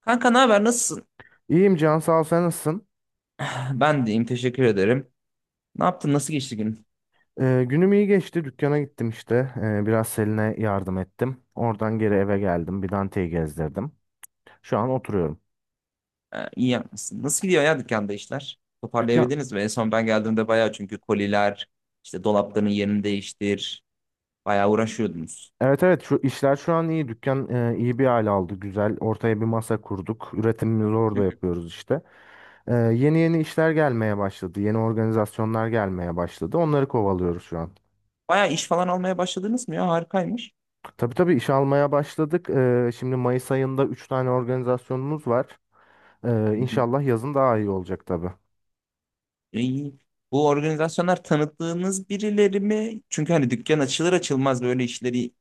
Kanka ne haber nasılsın? İyiyim Can, sağ ol, sen nasılsın? Ben deyim teşekkür ederim. Ne yaptın nasıl geçti gün? Günüm iyi geçti, dükkana gittim işte. Biraz Selin'e yardım ettim. Oradan geri eve geldim, bir Dante'yi gezdirdim. Şu an oturuyorum. İyi yapmışsın. Nasıl gidiyor ya dükkanda işler? Dükkan, Toparlayabildiniz mi? En son ben geldiğimde bayağı çünkü koliler, işte dolapların yerini değiştir. Bayağı uğraşıyordunuz. evet evet, şu işler şu an iyi, dükkan iyi bir hale aldı, güzel. Ortaya bir masa kurduk. Üretimimizi Hı orada hı. yapıyoruz işte. Yeni yeni işler gelmeye başladı, yeni organizasyonlar gelmeye başladı, onları kovalıyoruz şu an. Bayağı iş falan almaya başladınız mı ya? Harikaymış. Tabii tabii, iş almaya başladık. Şimdi Mayıs ayında 3 tane organizasyonumuz var. Hı hı. İnşallah yazın daha iyi olacak tabii. İyi. Bu organizasyonlar tanıttığınız birileri mi? Çünkü hani dükkan açılır açılmaz böyle işleri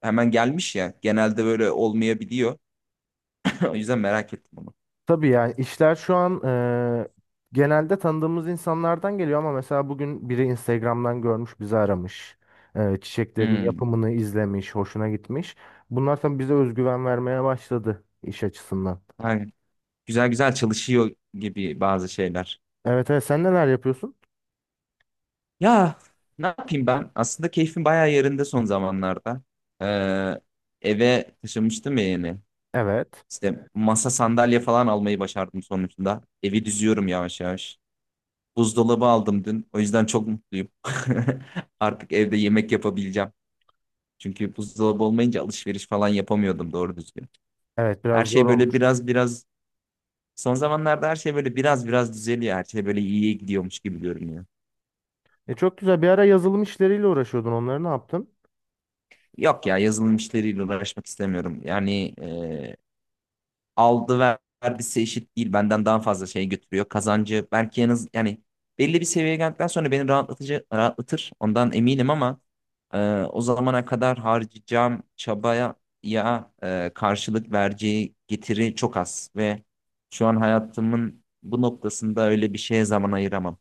hemen gelmiş ya. Genelde böyle olmayabiliyor. O yüzden merak ettim onu. Tabii, yani işler şu an genelde tanıdığımız insanlardan geliyor, ama mesela bugün biri Instagram'dan görmüş, bizi aramış. Çiçeklerin Hmm. yapımını izlemiş, hoşuna gitmiş. Bunlar tabii bize özgüven vermeye başladı iş açısından. Güzel güzel çalışıyor gibi bazı şeyler. Evet evet, sen neler yapıyorsun? Ya ne yapayım ben? Aslında keyfim bayağı yerinde son zamanlarda. Ee, Eve taşınmıştım ya yeni. Evet. İşte masa sandalye falan almayı başardım sonuçta. Evi düzüyorum yavaş yavaş. Buzdolabı aldım dün. O yüzden çok mutluyum. Artık evde yemek yapabileceğim. Çünkü buzdolabı olmayınca alışveriş falan yapamıyordum doğru düzgün. Evet, biraz Her zor şey böyle olur. biraz biraz son zamanlarda her şey böyle biraz biraz düzeliyor. Her şey böyle iyiye gidiyormuş gibi görünüyor. Çok güzel bir ara yazılım işleriyle uğraşıyordun, onları ne yaptın? Yok ya yazılım işleriyle uğraşmak istemiyorum. Yani aldı ver- vergisi eşit değil. Benden daha fazla şey götürüyor. Kazancı belki yalnız yani belli bir seviyeye geldikten sonra beni rahatlatır. Ondan eminim ama e, o zamana kadar harcayacağım çabaya karşılık vereceği getiri çok az ve şu an hayatımın bu noktasında öyle bir şeye zaman ayıramam.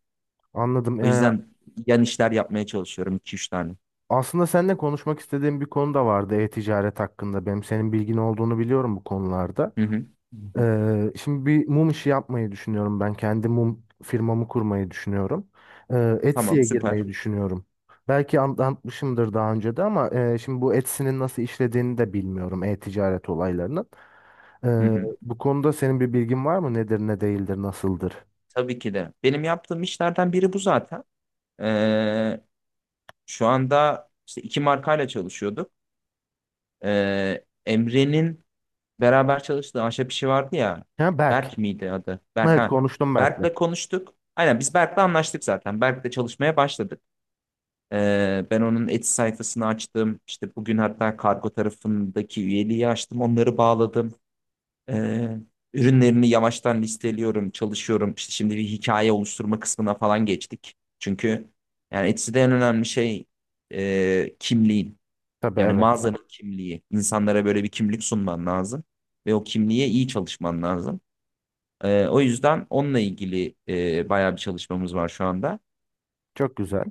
Anladım. O yüzden yan işler yapmaya çalışıyorum iki üç tane. Aslında seninle konuşmak istediğim bir konu da vardı, e-ticaret hakkında. Benim senin bilgin olduğunu biliyorum bu konularda. Hı hı. Hı hı. Şimdi bir mum işi yapmayı düşünüyorum ben. Kendi mum firmamı kurmayı düşünüyorum. Tamam, Etsy'ye süper. girmeyi düşünüyorum. Belki anlatmışımdır daha önce de, ama şimdi bu Etsy'nin nasıl işlediğini de bilmiyorum. E-ticaret olaylarının. Hı hı. Bu konuda senin bir bilgin var mı? Nedir, ne değildir, nasıldır? Tabii ki de. Benim yaptığım işlerden biri bu zaten. Ee, Şu anda işte iki markayla çalışıyorduk. Emre'nin beraber çalıştığı ahşap işi vardı ya. Ha, Berk. Berk miydi adı? Berk, Evet, ha. konuştum Berk'le. Berk'le konuştuk. Aynen biz Berk'le anlaştık zaten. Berk'le çalışmaya başladık. Ben onun Etsy sayfasını açtım. İşte bugün hatta kargo tarafındaki üyeliği açtım. Onları bağladım. Ee, Ürünlerini yavaştan listeliyorum, çalışıyorum. İşte şimdi bir hikaye oluşturma kısmına falan geçtik. Çünkü yani Etsy'de en önemli şey kimliğin. Tabii, Yani evet. mağazanın kimliği. İnsanlara böyle bir kimlik sunman lazım. Ve o kimliğe iyi çalışman lazım. O yüzden onunla ilgili bayağı bir çalışmamız var şu anda. Çok güzel.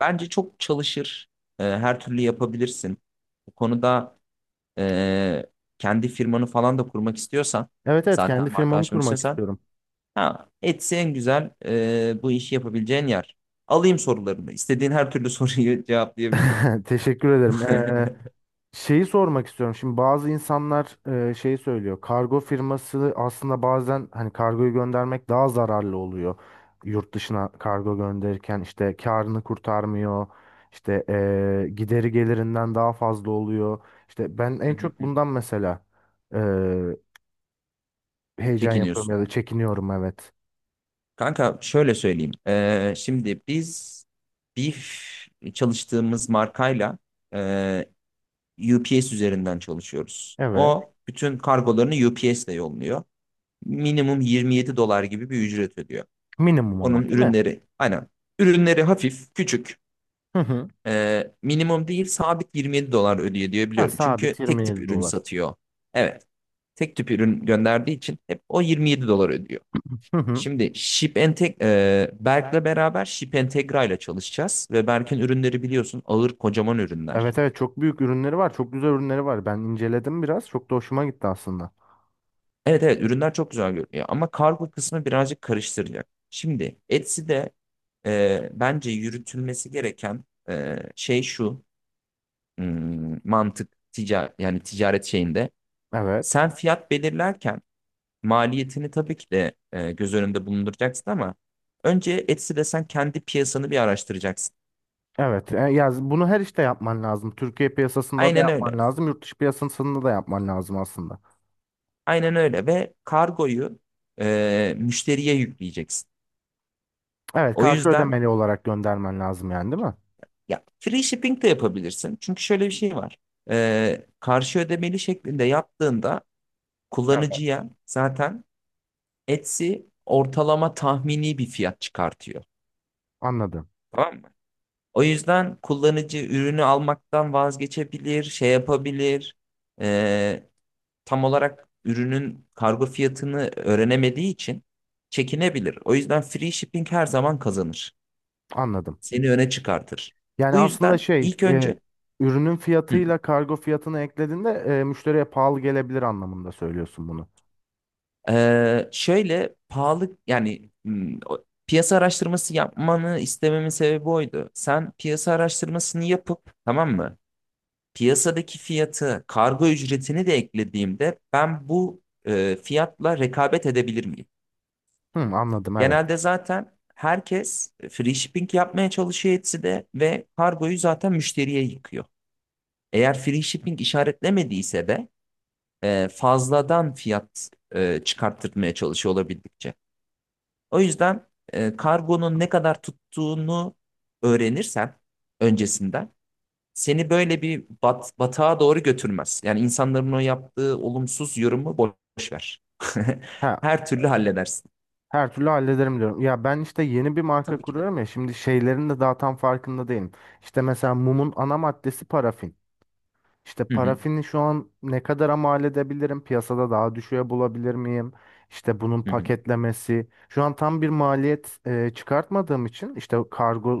Bence çok çalışır. Her türlü yapabilirsin. Bu konuda e, kendi firmanı falan da kurmak istiyorsan, Evet evet, kendi zaten firmamı markalaşmak kurmak istiyorsan, istiyorum. ha, Etsy en güzel bu işi yapabileceğin yer. Alayım sorularını. İstediğin her türlü soruyu cevaplayabilirim. Teşekkür ederim. Şeyi sormak istiyorum. Şimdi bazı insanlar şey söylüyor. Kargo firması aslında bazen, hani, kargoyu göndermek daha zararlı oluyor. Yurt dışına kargo gönderirken işte karını kurtarmıyor. İşte gideri gelirinden daha fazla oluyor. İşte ben en çok bundan mesela e, heyecan yapıyorum Çekiniyorsun. ya da çekiniyorum, evet. Kanka şöyle söyleyeyim. Şimdi biz Beef çalıştığımız markayla e, UPS üzerinden çalışıyoruz. Evet. O bütün kargolarını UPS ile yolluyor. Minimum 27 dolar gibi bir ücret ödüyor. Minimum ama Onun değil mi? ürünleri aynen. Ürünleri hafif, küçük. Hı hı. Minimum değil, sabit 27 dolar ödüyor diye Ha, biliyorum. sabit Çünkü tek tip 27 ürün dolar. satıyor. Evet. Tek tip ürün gönderdiği için hep o 27 dolar ödüyor. Hı hı. Şimdi Berk'le beraber Ship Entegra ile çalışacağız. Ve Berk'in ürünleri biliyorsun ağır, kocaman ürünler. Evet evet, çok büyük ürünleri var. Çok güzel ürünleri var. Ben inceledim biraz. Çok da hoşuma gitti aslında. Evet, evet, ürünler çok güzel görünüyor ama kargo kısmı birazcık karıştıracak. Şimdi Etsy'de bence yürütülmesi gereken e, şey şu mantık ticaret, yani ticaret şeyinde Evet. sen fiyat belirlerken maliyetini tabii ki de göz önünde bulunduracaksın ama önce Etsy'de sen kendi piyasanı bir araştıracaksın. Evet. Ya bunu her işte yapman lazım. Türkiye piyasasında da Aynen öyle. yapman lazım. Yurt dışı piyasasında da yapman lazım aslında. Aynen öyle ve kargoyu müşteriye yükleyeceksin. Evet, O karşı yüzden ödemeli olarak göndermen lazım yani, değil mi? ya free shipping de yapabilirsin. Çünkü şöyle bir şey var. Karşı ödemeli şeklinde yaptığında Evet. kullanıcıya zaten Etsy ortalama tahmini bir fiyat çıkartıyor. Anladım. Tamam mı? O yüzden kullanıcı ürünü almaktan vazgeçebilir, şey yapabilir. Ee, Tam olarak ürünün kargo fiyatını öğrenemediği için çekinebilir. O yüzden free shipping her zaman kazanır. Anladım. Seni öne çıkartır. Yani Bu aslında yüzden şey, ilk önce ürünün hı, fiyatıyla kargo fiyatını eklediğinde müşteriye pahalı gelebilir anlamında söylüyorsun bunu. Şöyle pahalı yani piyasa araştırması yapmanı istememin sebebi oydu. Sen piyasa araştırmasını yapıp, tamam mı? Piyasadaki fiyatı, kargo ücretini de eklediğimde ben bu fiyatla rekabet edebilir miyim? Hı, anladım, evet. Genelde zaten herkes free shipping yapmaya çalışıyor Etsy'de ve kargoyu zaten müşteriye yıkıyor. Eğer free shipping işaretlemediyse de fazladan fiyat çıkarttırmaya çalışıyor olabildikçe. O yüzden kargonun ne kadar tuttuğunu öğrenirsen öncesinden, seni böyle batağa doğru götürmez. Yani insanların o yaptığı olumsuz yorumu boş ver. Ha, Her türlü halledersin. her türlü hallederim diyorum. Ya ben işte yeni bir marka Tabii ki de. kuruyorum ya, şimdi şeylerin de daha tam farkında değilim. İşte mesela mumun ana maddesi parafin. İşte Hı hı, parafini şu an ne kadara mal edebilirim? Piyasada daha düşüğe bulabilir miyim? İşte bunun hı hı, paketlemesi. Şu an tam bir maliyet çıkartmadığım için, işte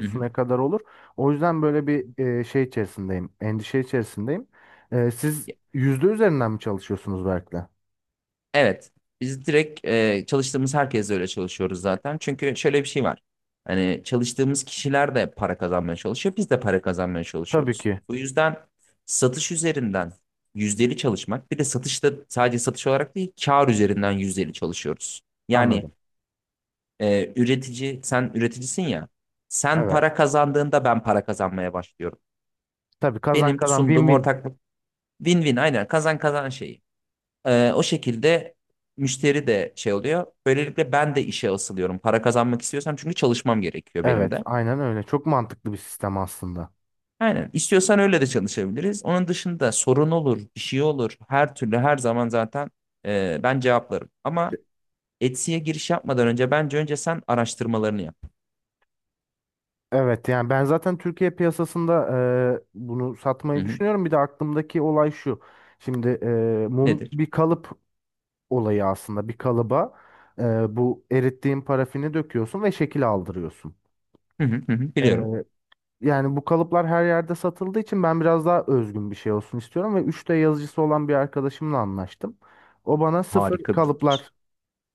hı hı. ne kadar olur? O yüzden böyle bir şey içerisindeyim. Endişe içerisindeyim. Siz Ya, yüzde üzerinden mi çalışıyorsunuz Berk'le? Evet. Biz direkt çalıştığımız herkesle öyle çalışıyoruz zaten. Çünkü şöyle bir şey var. Hani çalıştığımız kişiler de para kazanmaya çalışıyor. Biz de para kazanmaya Tabii çalışıyoruz. ki. Bu yüzden satış üzerinden yüzdeli çalışmak, bir de satışta sadece satış olarak değil, kar üzerinden yüzdeli çalışıyoruz. Yani Anladım. Üretici, sen üreticisin ya. Sen Evet. para kazandığında ben para kazanmaya başlıyorum. Tabii, kazan Benim kazan, win sunduğum win. ortaklık win-win, aynen kazan kazan şeyi. O şekilde müşteri de şey oluyor. Böylelikle ben de işe asılıyorum. Para kazanmak istiyorsam, çünkü çalışmam gerekiyor benim Evet, de. aynen öyle. Çok mantıklı bir sistem aslında. Aynen. İstiyorsan öyle de çalışabiliriz. Onun dışında sorun olur, bir şey olur. Her türlü, her zaman zaten ben cevaplarım. Ama Etsy'ye giriş yapmadan önce bence önce sen araştırmalarını yap. Evet, yani ben zaten Türkiye piyasasında bunu Hı satmayı hı. düşünüyorum. Bir de aklımdaki olay şu. Şimdi mum Nedir? bir kalıp olayı aslında. Bir kalıba bu erittiğin parafini döküyorsun ve şekil aldırıyorsun. Hı hı hı, hı. E, Biliyorum. Yani bu kalıplar her yerde satıldığı için ben biraz daha özgün bir şey olsun istiyorum. Ve 3D yazıcısı olan bir arkadaşımla anlaştım. O bana sıfır Harika bir fikir. kalıplar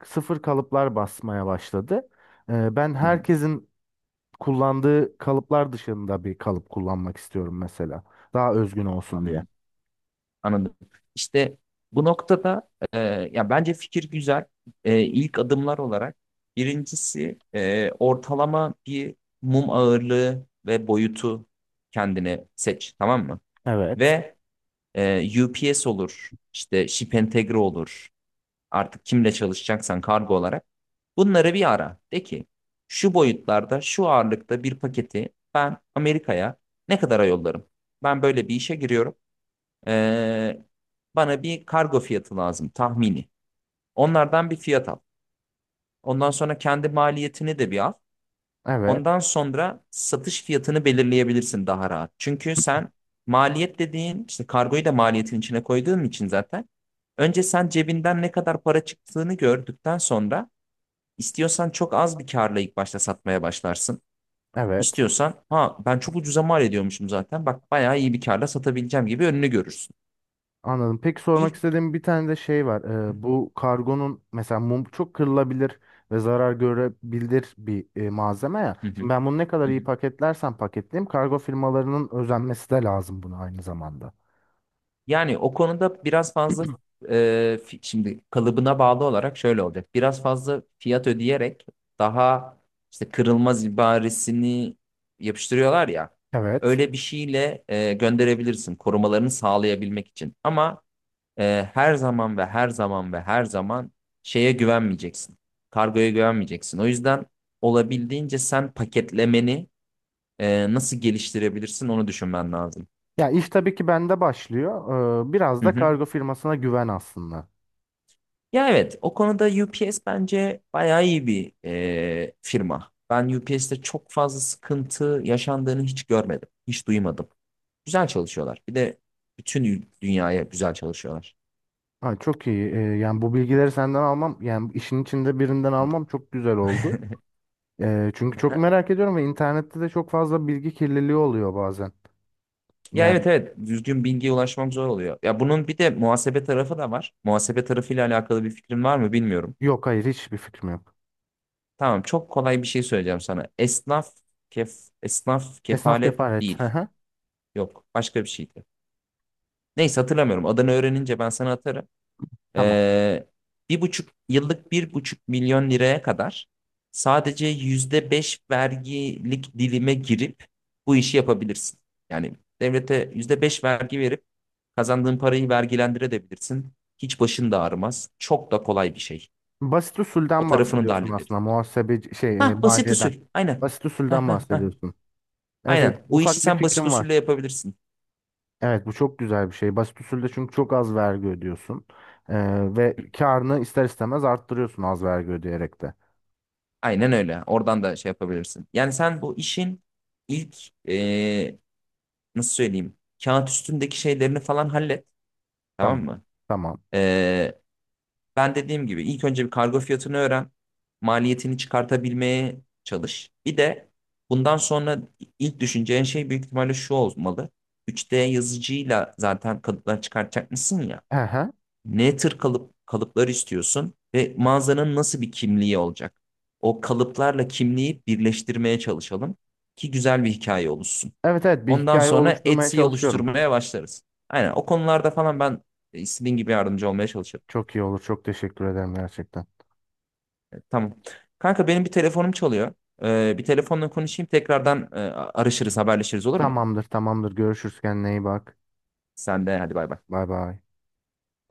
sıfır kalıplar basmaya başladı. Ben Hı hı, herkesin kullandığı kalıplar dışında bir kalıp kullanmak istiyorum mesela. Daha özgün olsun diye. anladım. Anladım. İşte bu noktada ya bence fikir güzel. İlk adımlar olarak, birincisi, ortalama bir mum ağırlığı ve boyutu kendine seç, tamam mı? Evet. Ve UPS olur, işte Ship Entegre olur. Artık kimle çalışacaksan kargo olarak, bunları bir ara. De ki şu boyutlarda, şu ağırlıkta bir paketi ben Amerika'ya ne kadara yollarım? Ben böyle bir işe giriyorum. Ee, Bana bir kargo fiyatı lazım, tahmini. Onlardan bir fiyat al. Ondan sonra kendi maliyetini de bir al. Evet. Ondan sonra satış fiyatını belirleyebilirsin daha rahat. Çünkü sen maliyet dediğin işte kargoyu da maliyetin içine koyduğun için zaten önce sen cebinden ne kadar para çıktığını gördükten sonra, istiyorsan çok az bir karla ilk başta satmaya başlarsın. Evet. İstiyorsan, ha, ben çok ucuza mal ediyormuşum zaten, bak bayağı iyi bir karla satabileceğim gibi önünü görürsün. Anladım. Peki, sormak İlk. istediğim bir tane de şey var. Bu kargonun mesela, mum çok kırılabilir ve zarar görebilir bir malzeme ya. Hı Şimdi hı, ben bunu ne kadar hı iyi hı. paketlersem paketleyeyim, kargo firmalarının özenmesi de lazım buna aynı zamanda. Yani o konuda biraz fazla şimdi kalıbına bağlı olarak şöyle olacak. Biraz fazla fiyat ödeyerek daha işte kırılmaz ibaresini yapıştırıyorlar ya. Evet. Öyle bir şeyle gönderebilirsin, korumalarını sağlayabilmek için. Ama her zaman ve her zaman ve her zaman şeye güvenmeyeceksin. Kargoya güvenmeyeceksin. O yüzden olabildiğince sen paketlemeni nasıl geliştirebilirsin onu düşünmen lazım. Ya iş tabii ki bende başlıyor. Biraz Hı da hı. kargo firmasına güven aslında. Ya evet, o konuda UPS bence bayağı iyi bir firma. Ben UPS'te çok fazla sıkıntı yaşandığını hiç görmedim. Hiç duymadım. Güzel çalışıyorlar. Bir de dünyaya güzel çalışıyorlar. Ha, çok iyi. Yani bu bilgileri senden almam, yani işin içinde birinden almam çok güzel oldu. Çünkü çok merak ediyorum ve internette de çok fazla bilgi kirliliği oluyor bazen. Ya Yani evet, evet, düzgün bilgiye ulaşmam zor oluyor. Ya bunun bir de muhasebe tarafı da var. Muhasebe tarafıyla alakalı bir fikrin var mı bilmiyorum. yok, hayır, hiçbir fikrim yok. Tamam, çok kolay bir şey söyleyeceğim sana. Kef esnaf Esnaf kefalet kefaret. Hı değil. hı. Yok, başka bir şeydi. Neyse, hatırlamıyorum. Adını öğrenince ben sana atarım. Tamam. Ee, 1,5 yıllık, 1,5 milyon liraya kadar sadece %5 vergilik dilime girip bu işi yapabilirsin. Yani devlete %5 vergi verip kazandığın parayı vergilendirebilirsin. Hiç başın da ağrımaz. Çok da kolay bir şey. Basit O usulden tarafını da bahsediyorsun hallederiz. aslında. Muhasebe şey Hah, basit maliyeden. usul. Aynen. Basit Hah, usulden hah, hah. bahsediyorsun. Evet, evet, Aynen. Bu işi ufak bir sen basit fikrim var. usulle yapabilirsin. Evet, bu çok güzel bir şey. Basit usulde çünkü çok az vergi ödüyorsun. Ve karını ister istemez arttırıyorsun az vergi ödeyerek de. Aynen öyle. Oradan da şey yapabilirsin. Yani sen bu işin ilk e, nasıl söyleyeyim, kağıt üstündeki şeylerini falan hallet, tamam Tamam. mı? Tamam. Ee, Ben dediğim gibi ilk önce bir kargo fiyatını öğren. Maliyetini çıkartabilmeye çalış. Bir de bundan sonra ilk düşüneceğin şey büyük ihtimalle şu olmalı. 3D yazıcıyla zaten kalıplar çıkartacak mısın ya? Hı hı. Ne tür kalıplar istiyorsun ve mağazanın nasıl bir kimliği olacak? O kalıplarla kimliği birleştirmeye çalışalım ki güzel bir hikaye oluşsun. Evet evet, bir Ondan hikaye sonra oluşturmaya Etsy'yi çalışıyorum. oluşturmaya başlarız. Aynen, o konularda falan ben istediğin gibi yardımcı olmaya çalışırım. Çok iyi olur. Çok teşekkür ederim gerçekten. Tamam. Kanka, benim bir telefonum çalıyor. Bir telefonla konuşayım, tekrardan arışırız, haberleşiriz, olur mu? Tamamdır, tamamdır. Görüşürüz, kendine iyi bak. Sen de hadi, bay bay. Bay bay.